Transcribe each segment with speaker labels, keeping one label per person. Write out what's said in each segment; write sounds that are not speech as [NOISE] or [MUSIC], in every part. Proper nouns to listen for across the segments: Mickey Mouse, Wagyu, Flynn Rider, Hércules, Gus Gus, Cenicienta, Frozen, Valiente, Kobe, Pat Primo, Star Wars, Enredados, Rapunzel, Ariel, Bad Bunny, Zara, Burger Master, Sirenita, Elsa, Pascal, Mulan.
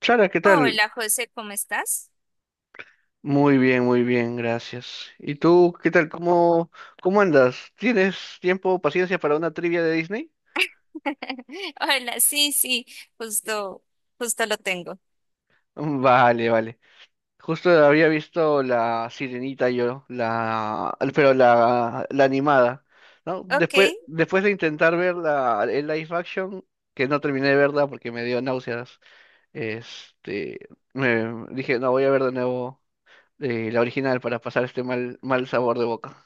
Speaker 1: Chara, ¿qué tal?
Speaker 2: Hola José, ¿cómo estás?
Speaker 1: Muy bien, gracias. ¿Y tú, qué tal? ¿Cómo andas? ¿Tienes tiempo, paciencia para una trivia de Disney? [LAUGHS]
Speaker 2: [LAUGHS] Hola, sí, sí, justo, justo lo tengo.
Speaker 1: Mm, vale, vale. Justo había visto la Sirenita yo, pero la animada, ¿no?
Speaker 2: Ok,
Speaker 1: Después de intentar ver el live action, que no terminé de verla porque me dio náuseas, este, me dije, no, voy a ver de nuevo la original para pasar este mal sabor de boca.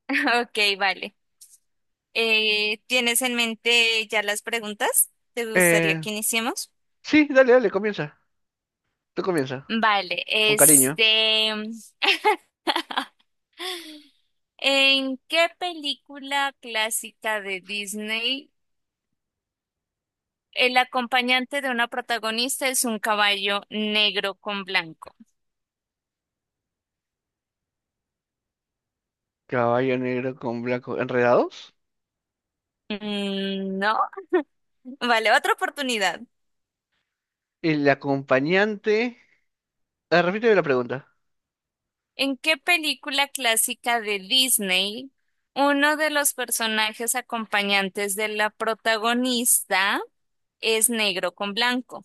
Speaker 2: [LAUGHS] ok, vale. ¿Tienes en mente ya las preguntas? ¿Te gustaría
Speaker 1: Eh,
Speaker 2: que iniciemos?
Speaker 1: Sí, dale, dale, comienza. Tú comienza.
Speaker 2: Vale,
Speaker 1: Con cariño.
Speaker 2: [LAUGHS] ¿En qué película clásica de Disney el acompañante de una protagonista es un caballo negro con blanco?
Speaker 1: Caballo negro con blanco. ¿Enredados?
Speaker 2: No, vale, otra oportunidad.
Speaker 1: El acompañante. Ah, repíteme la pregunta.
Speaker 2: ¿En qué película clásica de Disney uno de los personajes acompañantes de la protagonista es negro con blanco?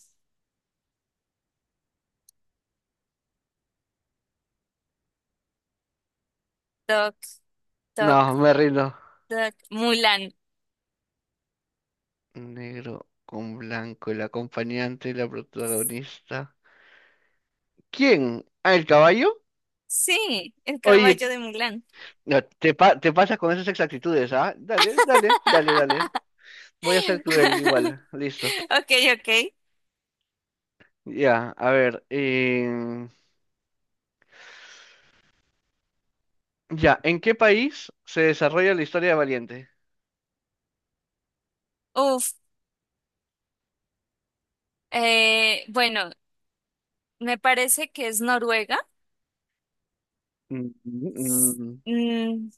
Speaker 2: Toc,
Speaker 1: No,
Speaker 2: toc,
Speaker 1: me rindo.
Speaker 2: toc. Mulan.
Speaker 1: Negro con blanco, el acompañante, la protagonista. ¿Quién? ¿Ah, el caballo?
Speaker 2: Sí, el
Speaker 1: Oye,
Speaker 2: caballo de Mulan.
Speaker 1: no, te pasas con esas exactitudes, ¿ah? Dale, dale, dale, dale.
Speaker 2: [LAUGHS]
Speaker 1: Voy a ser cruel igual. Listo.
Speaker 2: Ok, ok.
Speaker 1: Ya, a ver. Ya, ¿en qué país se desarrolla la historia de Valiente?
Speaker 2: Uf, bueno, me parece que es Noruega.
Speaker 1: Mm, mm,
Speaker 2: Mm,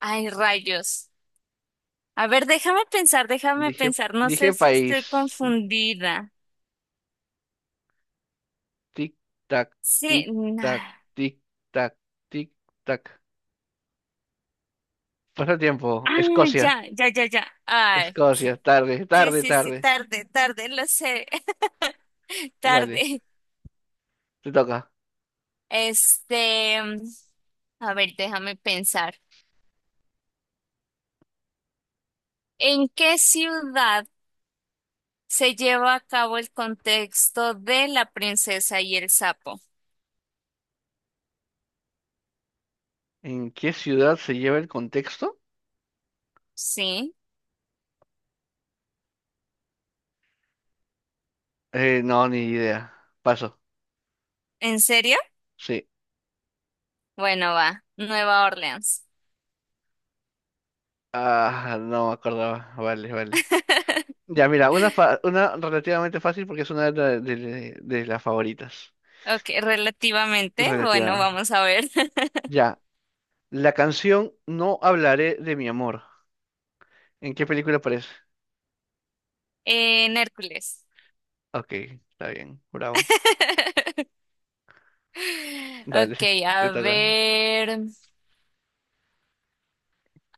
Speaker 2: ay, rayos. A ver, déjame pensar, déjame
Speaker 1: Dije,
Speaker 2: pensar. No sé
Speaker 1: dije
Speaker 2: si estoy
Speaker 1: país.
Speaker 2: confundida.
Speaker 1: Tic tac,
Speaker 2: Sí,
Speaker 1: tic tac,
Speaker 2: na-
Speaker 1: tic tac, tic tac. Pasa el tiempo.
Speaker 2: ah,
Speaker 1: Escocia.
Speaker 2: ya, ya, ya, ya. Ay,
Speaker 1: Escocia.
Speaker 2: sí,
Speaker 1: Tarde,
Speaker 2: sí,
Speaker 1: tarde,
Speaker 2: sí, sí,
Speaker 1: tarde.
Speaker 2: tarde, tarde, lo sé, [LAUGHS]
Speaker 1: Vale,
Speaker 2: tarde.
Speaker 1: te toca.
Speaker 2: Este, a ver, déjame pensar. ¿En qué ciudad se lleva a cabo el contexto de La princesa y el sapo?
Speaker 1: ¿En qué ciudad se lleva el contexto?
Speaker 2: ¿Sí?
Speaker 1: No, ni idea. Paso.
Speaker 2: ¿En serio?
Speaker 1: Sí.
Speaker 2: Bueno, va, Nueva Orleans.
Speaker 1: Ah, no me acordaba. Vale, vale.
Speaker 2: [LAUGHS]
Speaker 1: Ya, mira, una relativamente fácil porque es una de, la- de las favoritas.
Speaker 2: Ok, relativamente. Bueno,
Speaker 1: Relativamente.
Speaker 2: vamos a ver. [LAUGHS]
Speaker 1: Ya. La canción No hablaré de mi amor. ¿En qué película aparece?
Speaker 2: En Hércules.
Speaker 1: Ok, está bien, bravo.
Speaker 2: [LAUGHS]
Speaker 1: Dale,
Speaker 2: Ok,
Speaker 1: [LAUGHS] te toca.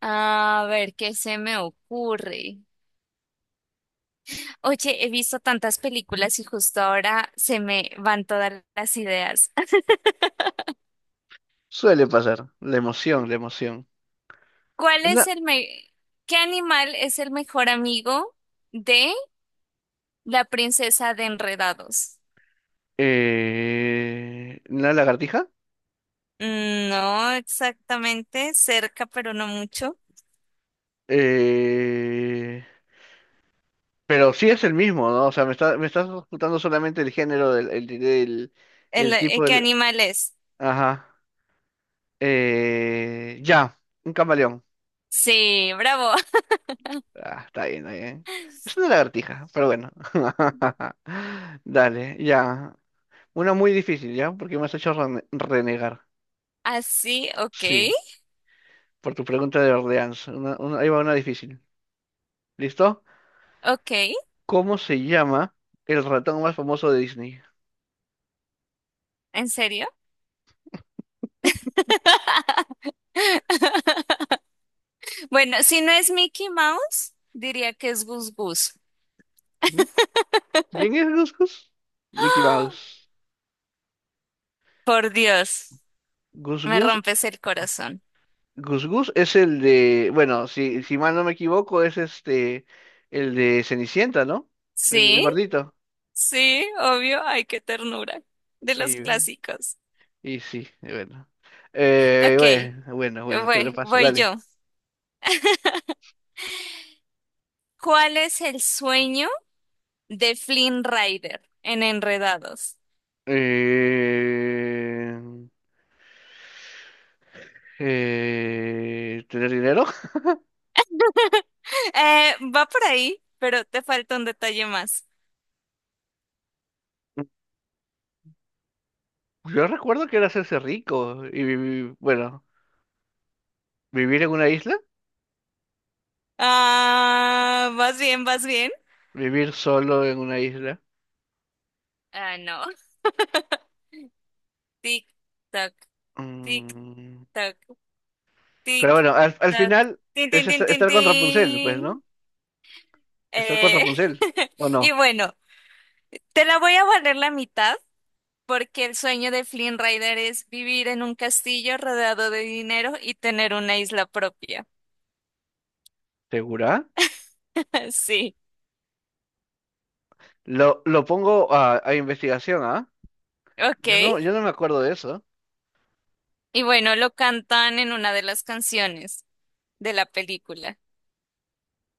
Speaker 2: a ver qué se me ocurre. Oye, he visto tantas películas y justo ahora se me van todas las ideas. [LAUGHS]
Speaker 1: Suele pasar. La emoción, la emoción.
Speaker 2: ¿Cuál es
Speaker 1: una,
Speaker 2: el me- ¿Qué animal es el mejor amigo de la princesa de Enredados?
Speaker 1: ¿la lagartija?
Speaker 2: No exactamente, cerca, pero no mucho.
Speaker 1: Eh, pero sí es el mismo, ¿no? O sea, me estás ocultando solamente el género el tipo
Speaker 2: ¿Qué
Speaker 1: del.
Speaker 2: animal es?
Speaker 1: Ajá. Ya, un camaleón.
Speaker 2: Sí, bravo.
Speaker 1: Ah, está bien, está bien. Es una
Speaker 2: [LAUGHS]
Speaker 1: lagartija, pero bueno. [LAUGHS] Dale, ya. Una muy difícil, ¿ya? Porque me has hecho renegar.
Speaker 2: Así, ok,
Speaker 1: Sí. Por tu pregunta de Orleans. Ahí va una difícil. ¿Listo?
Speaker 2: ok,
Speaker 1: ¿Cómo se llama el ratón más famoso de Disney?
Speaker 2: ¿en serio? [LAUGHS] Bueno, si no es Mickey Mouse, diría que es Gus Gus.
Speaker 1: ¿Quién, quién es
Speaker 2: [LAUGHS]
Speaker 1: Gus Gus? Mickey
Speaker 2: [GASPS]
Speaker 1: Mouse.
Speaker 2: Por Dios,
Speaker 1: Gus
Speaker 2: me
Speaker 1: Gus,
Speaker 2: rompes el corazón.
Speaker 1: Gus Gus es el de, bueno, si mal no me equivoco, es el de Cenicienta, ¿no? El
Speaker 2: Sí,
Speaker 1: gordito.
Speaker 2: sí, obvio. Ay, qué ternura. De los
Speaker 1: Y,
Speaker 2: clásicos.
Speaker 1: y sí, bueno.
Speaker 2: Ok,
Speaker 1: Bueno, bueno, bueno, te lo paso,
Speaker 2: voy
Speaker 1: dale.
Speaker 2: yo. ¿Cuál es el sueño de Flynn Rider en Enredados?
Speaker 1: Eh, ¿tener dinero?
Speaker 2: [LAUGHS] Va por ahí, pero te falta un detalle más.
Speaker 1: Yo recuerdo que era hacerse rico y vivir, bueno, vivir en una isla,
Speaker 2: Ah, vas bien, vas bien.
Speaker 1: vivir solo en una isla.
Speaker 2: Ah, no. [LAUGHS] Tic, tac, tic,
Speaker 1: Mm.
Speaker 2: tac,
Speaker 1: Pero
Speaker 2: tic,
Speaker 1: bueno, al
Speaker 2: tac.
Speaker 1: final
Speaker 2: Tin,
Speaker 1: es
Speaker 2: tin,
Speaker 1: esta-
Speaker 2: tin, tin,
Speaker 1: estar, con Rapunzel,
Speaker 2: tin.
Speaker 1: pues, ¿no? Estar con
Speaker 2: Eh,
Speaker 1: Rapunzel,
Speaker 2: [LAUGHS]
Speaker 1: ¿o
Speaker 2: y
Speaker 1: no?
Speaker 2: bueno, te la voy a valer la mitad porque el sueño de Flynn Rider es vivir en un castillo rodeado de dinero y tener una isla propia.
Speaker 1: ¿Segura?
Speaker 2: [LAUGHS] Sí,
Speaker 1: Lo pongo a investigación, ¿ah?
Speaker 2: ok.
Speaker 1: Yo no, yo no me acuerdo de eso.
Speaker 2: Y bueno, lo cantan en una de las canciones de la película.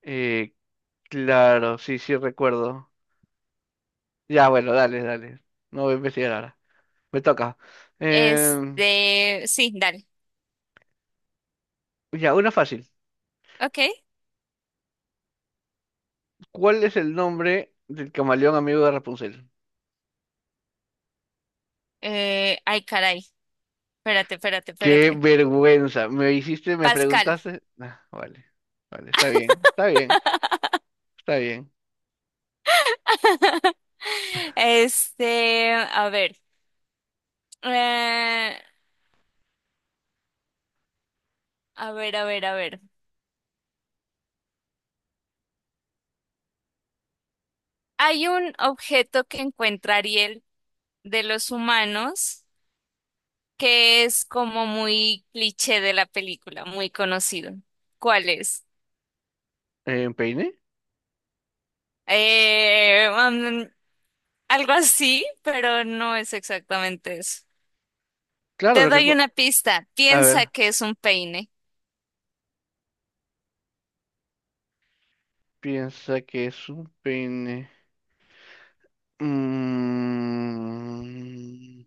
Speaker 1: Eh, claro, sí, sí recuerdo. Ya, bueno, dale, dale. No voy a investigar ahora. Me toca. Em,
Speaker 2: Este, sí, dale.
Speaker 1: ya, una fácil.
Speaker 2: Ok.
Speaker 1: ¿Cuál es el nombre del camaleón amigo de Rapunzel?
Speaker 2: Ay, caray. Espérate, espérate,
Speaker 1: Qué
Speaker 2: espérate.
Speaker 1: vergüenza. ¿Me hiciste, me
Speaker 2: Pascal.
Speaker 1: preguntaste? Ah, vale, vale, está bien, está bien, está bien.
Speaker 2: [LAUGHS] Este, a ver, eh, a ver, a ver, a ver. Hay un objeto que encuentra Ariel de los humanos que es como muy cliché de la película, muy conocido. ¿Cuál es?
Speaker 1: ¿Peine?
Speaker 2: Eh, um, algo así, pero no es exactamente eso.
Speaker 1: Claro,
Speaker 2: Te
Speaker 1: lo que...
Speaker 2: doy
Speaker 1: cu-
Speaker 2: una pista.
Speaker 1: A
Speaker 2: Piensa
Speaker 1: ver,
Speaker 2: que es un peine.
Speaker 1: piensa que es un peine. Mm,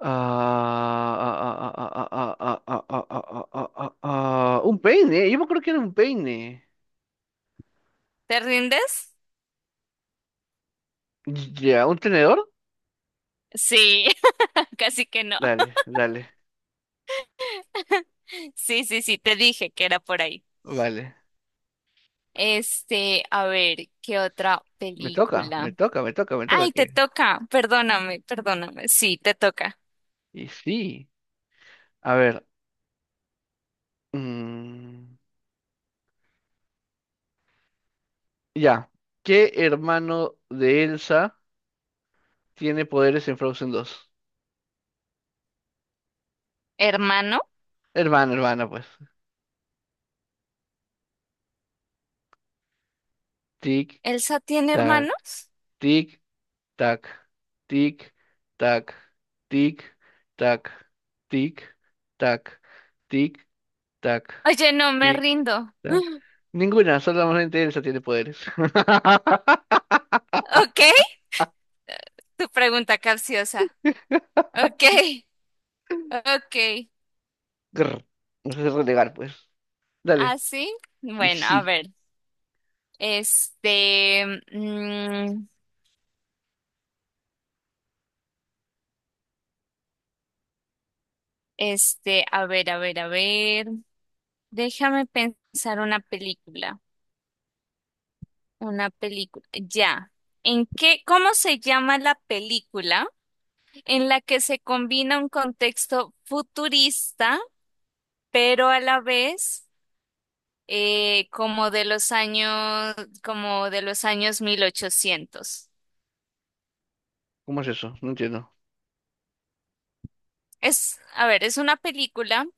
Speaker 1: ah, ah, ah, ah, ah, ah, ah, ah, ah, ah, ah, ah, ah, ah, ah, ah, ah. Un peine, yo me acuerdo que era un peine.
Speaker 2: ¿Te rindes?
Speaker 1: Ya, ¿un tenedor?
Speaker 2: Sí, [LAUGHS] casi que no.
Speaker 1: Dale, dale,
Speaker 2: [LAUGHS] Sí, sí, sí, te dije que era por ahí.
Speaker 1: vale.
Speaker 2: Este, a ver, ¿qué otra
Speaker 1: Me toca, me
Speaker 2: película?
Speaker 1: toca, me toca, me toca
Speaker 2: Ay,
Speaker 1: que.
Speaker 2: te toca, perdóname, perdóname. Sí, te toca.
Speaker 1: Y sí, a ver. mm, Ya. ¿Qué hermano de Elsa tiene poderes en Frozen 2?
Speaker 2: ¿Hermano?
Speaker 1: Hermana, hermana, pues. Tic,
Speaker 2: ¿Elsa tiene
Speaker 1: tac,
Speaker 2: hermanos?
Speaker 1: tic, tac, tic, tac, tic, tac, tic, tac, tic, tac,
Speaker 2: Oye, no, me
Speaker 1: tic,
Speaker 2: rindo.
Speaker 1: tac.
Speaker 2: [GASPS] [LAUGHS]
Speaker 1: Ninguna, solamente Elsa tiene poderes. [LAUGHS]
Speaker 2: Ok, tu pregunta capciosa. Ok, ok.
Speaker 1: Grr. No sé relegar, pues.
Speaker 2: ¿Ah,
Speaker 1: Dale.
Speaker 2: sí?
Speaker 1: Y
Speaker 2: Bueno, a
Speaker 1: sí.
Speaker 2: ver. Este, mm, este, a ver, a ver, a ver. Déjame pensar una película. Una película. Ya. ¿Cómo se llama la película en la que se combina un contexto futurista, pero a la vez eh, como de los años, como de los años 1800?
Speaker 1: ¿Cómo es eso? No entiendo.
Speaker 2: Es, a ver, es una película.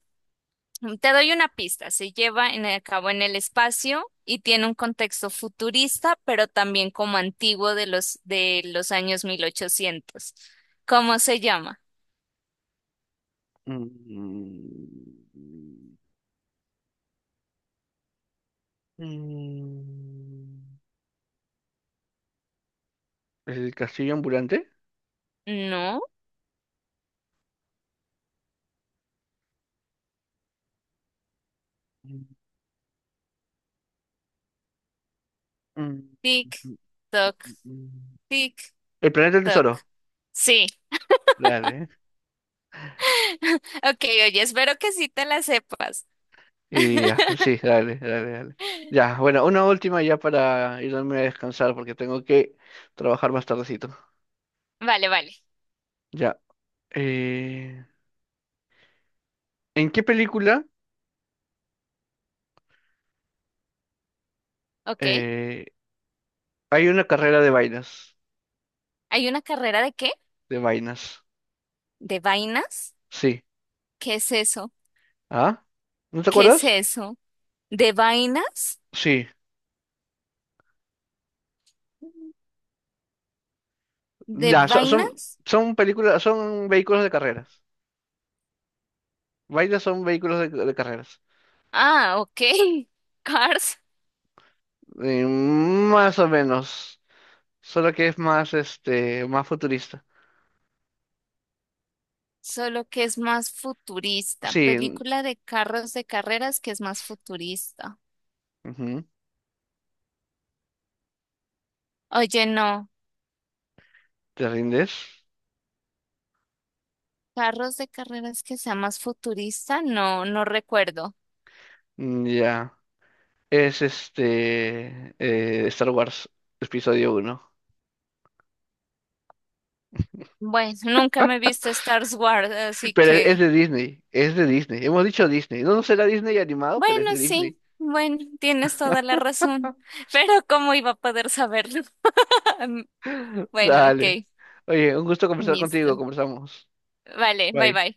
Speaker 2: Te doy una pista. Se lleva en, a cabo en el espacio y tiene un contexto futurista, pero también como antiguo de los años 1800. ¿Cómo se llama?
Speaker 1: Mm. Mm. El castillo ambulante.
Speaker 2: No.
Speaker 1: Mm, mm,
Speaker 2: Tic,
Speaker 1: mm,
Speaker 2: toc,
Speaker 1: mm, mm.
Speaker 2: tic,
Speaker 1: El planeta del
Speaker 2: toc.
Speaker 1: tesoro.
Speaker 2: Sí.
Speaker 1: Dale.
Speaker 2: [LAUGHS] Ok, oye, espero que sí te la sepas.
Speaker 1: Y ya,
Speaker 2: [LAUGHS]
Speaker 1: sí, dale, dale, dale. Ya, bueno, una última ya para irme a descansar porque tengo que trabajar más tardecito.
Speaker 2: Vale, vale.
Speaker 1: Ya. eh, ¿en qué película
Speaker 2: Ok.
Speaker 1: eh, hay una carrera de vainas?
Speaker 2: ¿Hay una carrera de qué?
Speaker 1: De vainas.
Speaker 2: ¿De vainas?
Speaker 1: Sí.
Speaker 2: ¿Qué es eso?
Speaker 1: ¿Ah? ¿No te
Speaker 2: ¿Qué es
Speaker 1: acuerdas?
Speaker 2: eso? ¿De vainas?
Speaker 1: Sí.
Speaker 2: ¿De
Speaker 1: Ya, so- son,
Speaker 2: vainas?
Speaker 1: son, películas, son vehículos de carreras. Vainas son vehículos de carreras.
Speaker 2: Ah, ok. [LAUGHS] Cars.
Speaker 1: Más o menos. Solo que es más futurista.
Speaker 2: Solo que es más futurista.
Speaker 1: Sí. n-
Speaker 2: Película de carros de carreras que es más futurista.
Speaker 1: ujú,
Speaker 2: Oye, no.
Speaker 1: ¿Te rindes?
Speaker 2: Carros de carreras que sea más futurista, no, no recuerdo.
Speaker 1: Mm, ya. Es Star Wars episodio uno.
Speaker 2: Bueno, [LAUGHS] nunca me he visto Star Wars, así
Speaker 1: Pero es
Speaker 2: que,
Speaker 1: de Disney. Es de Disney. Hemos dicho Disney. No, no será Disney animado, pero es
Speaker 2: bueno,
Speaker 1: de
Speaker 2: sí,
Speaker 1: Disney.
Speaker 2: bueno, tienes toda la razón, [LAUGHS] pero ¿cómo iba a poder saberlo? [LAUGHS] Bueno, ok,
Speaker 1: Dale. Oye, un gusto conversar contigo.
Speaker 2: listo.
Speaker 1: Conversamos.
Speaker 2: Vale, bye
Speaker 1: Bye.
Speaker 2: bye.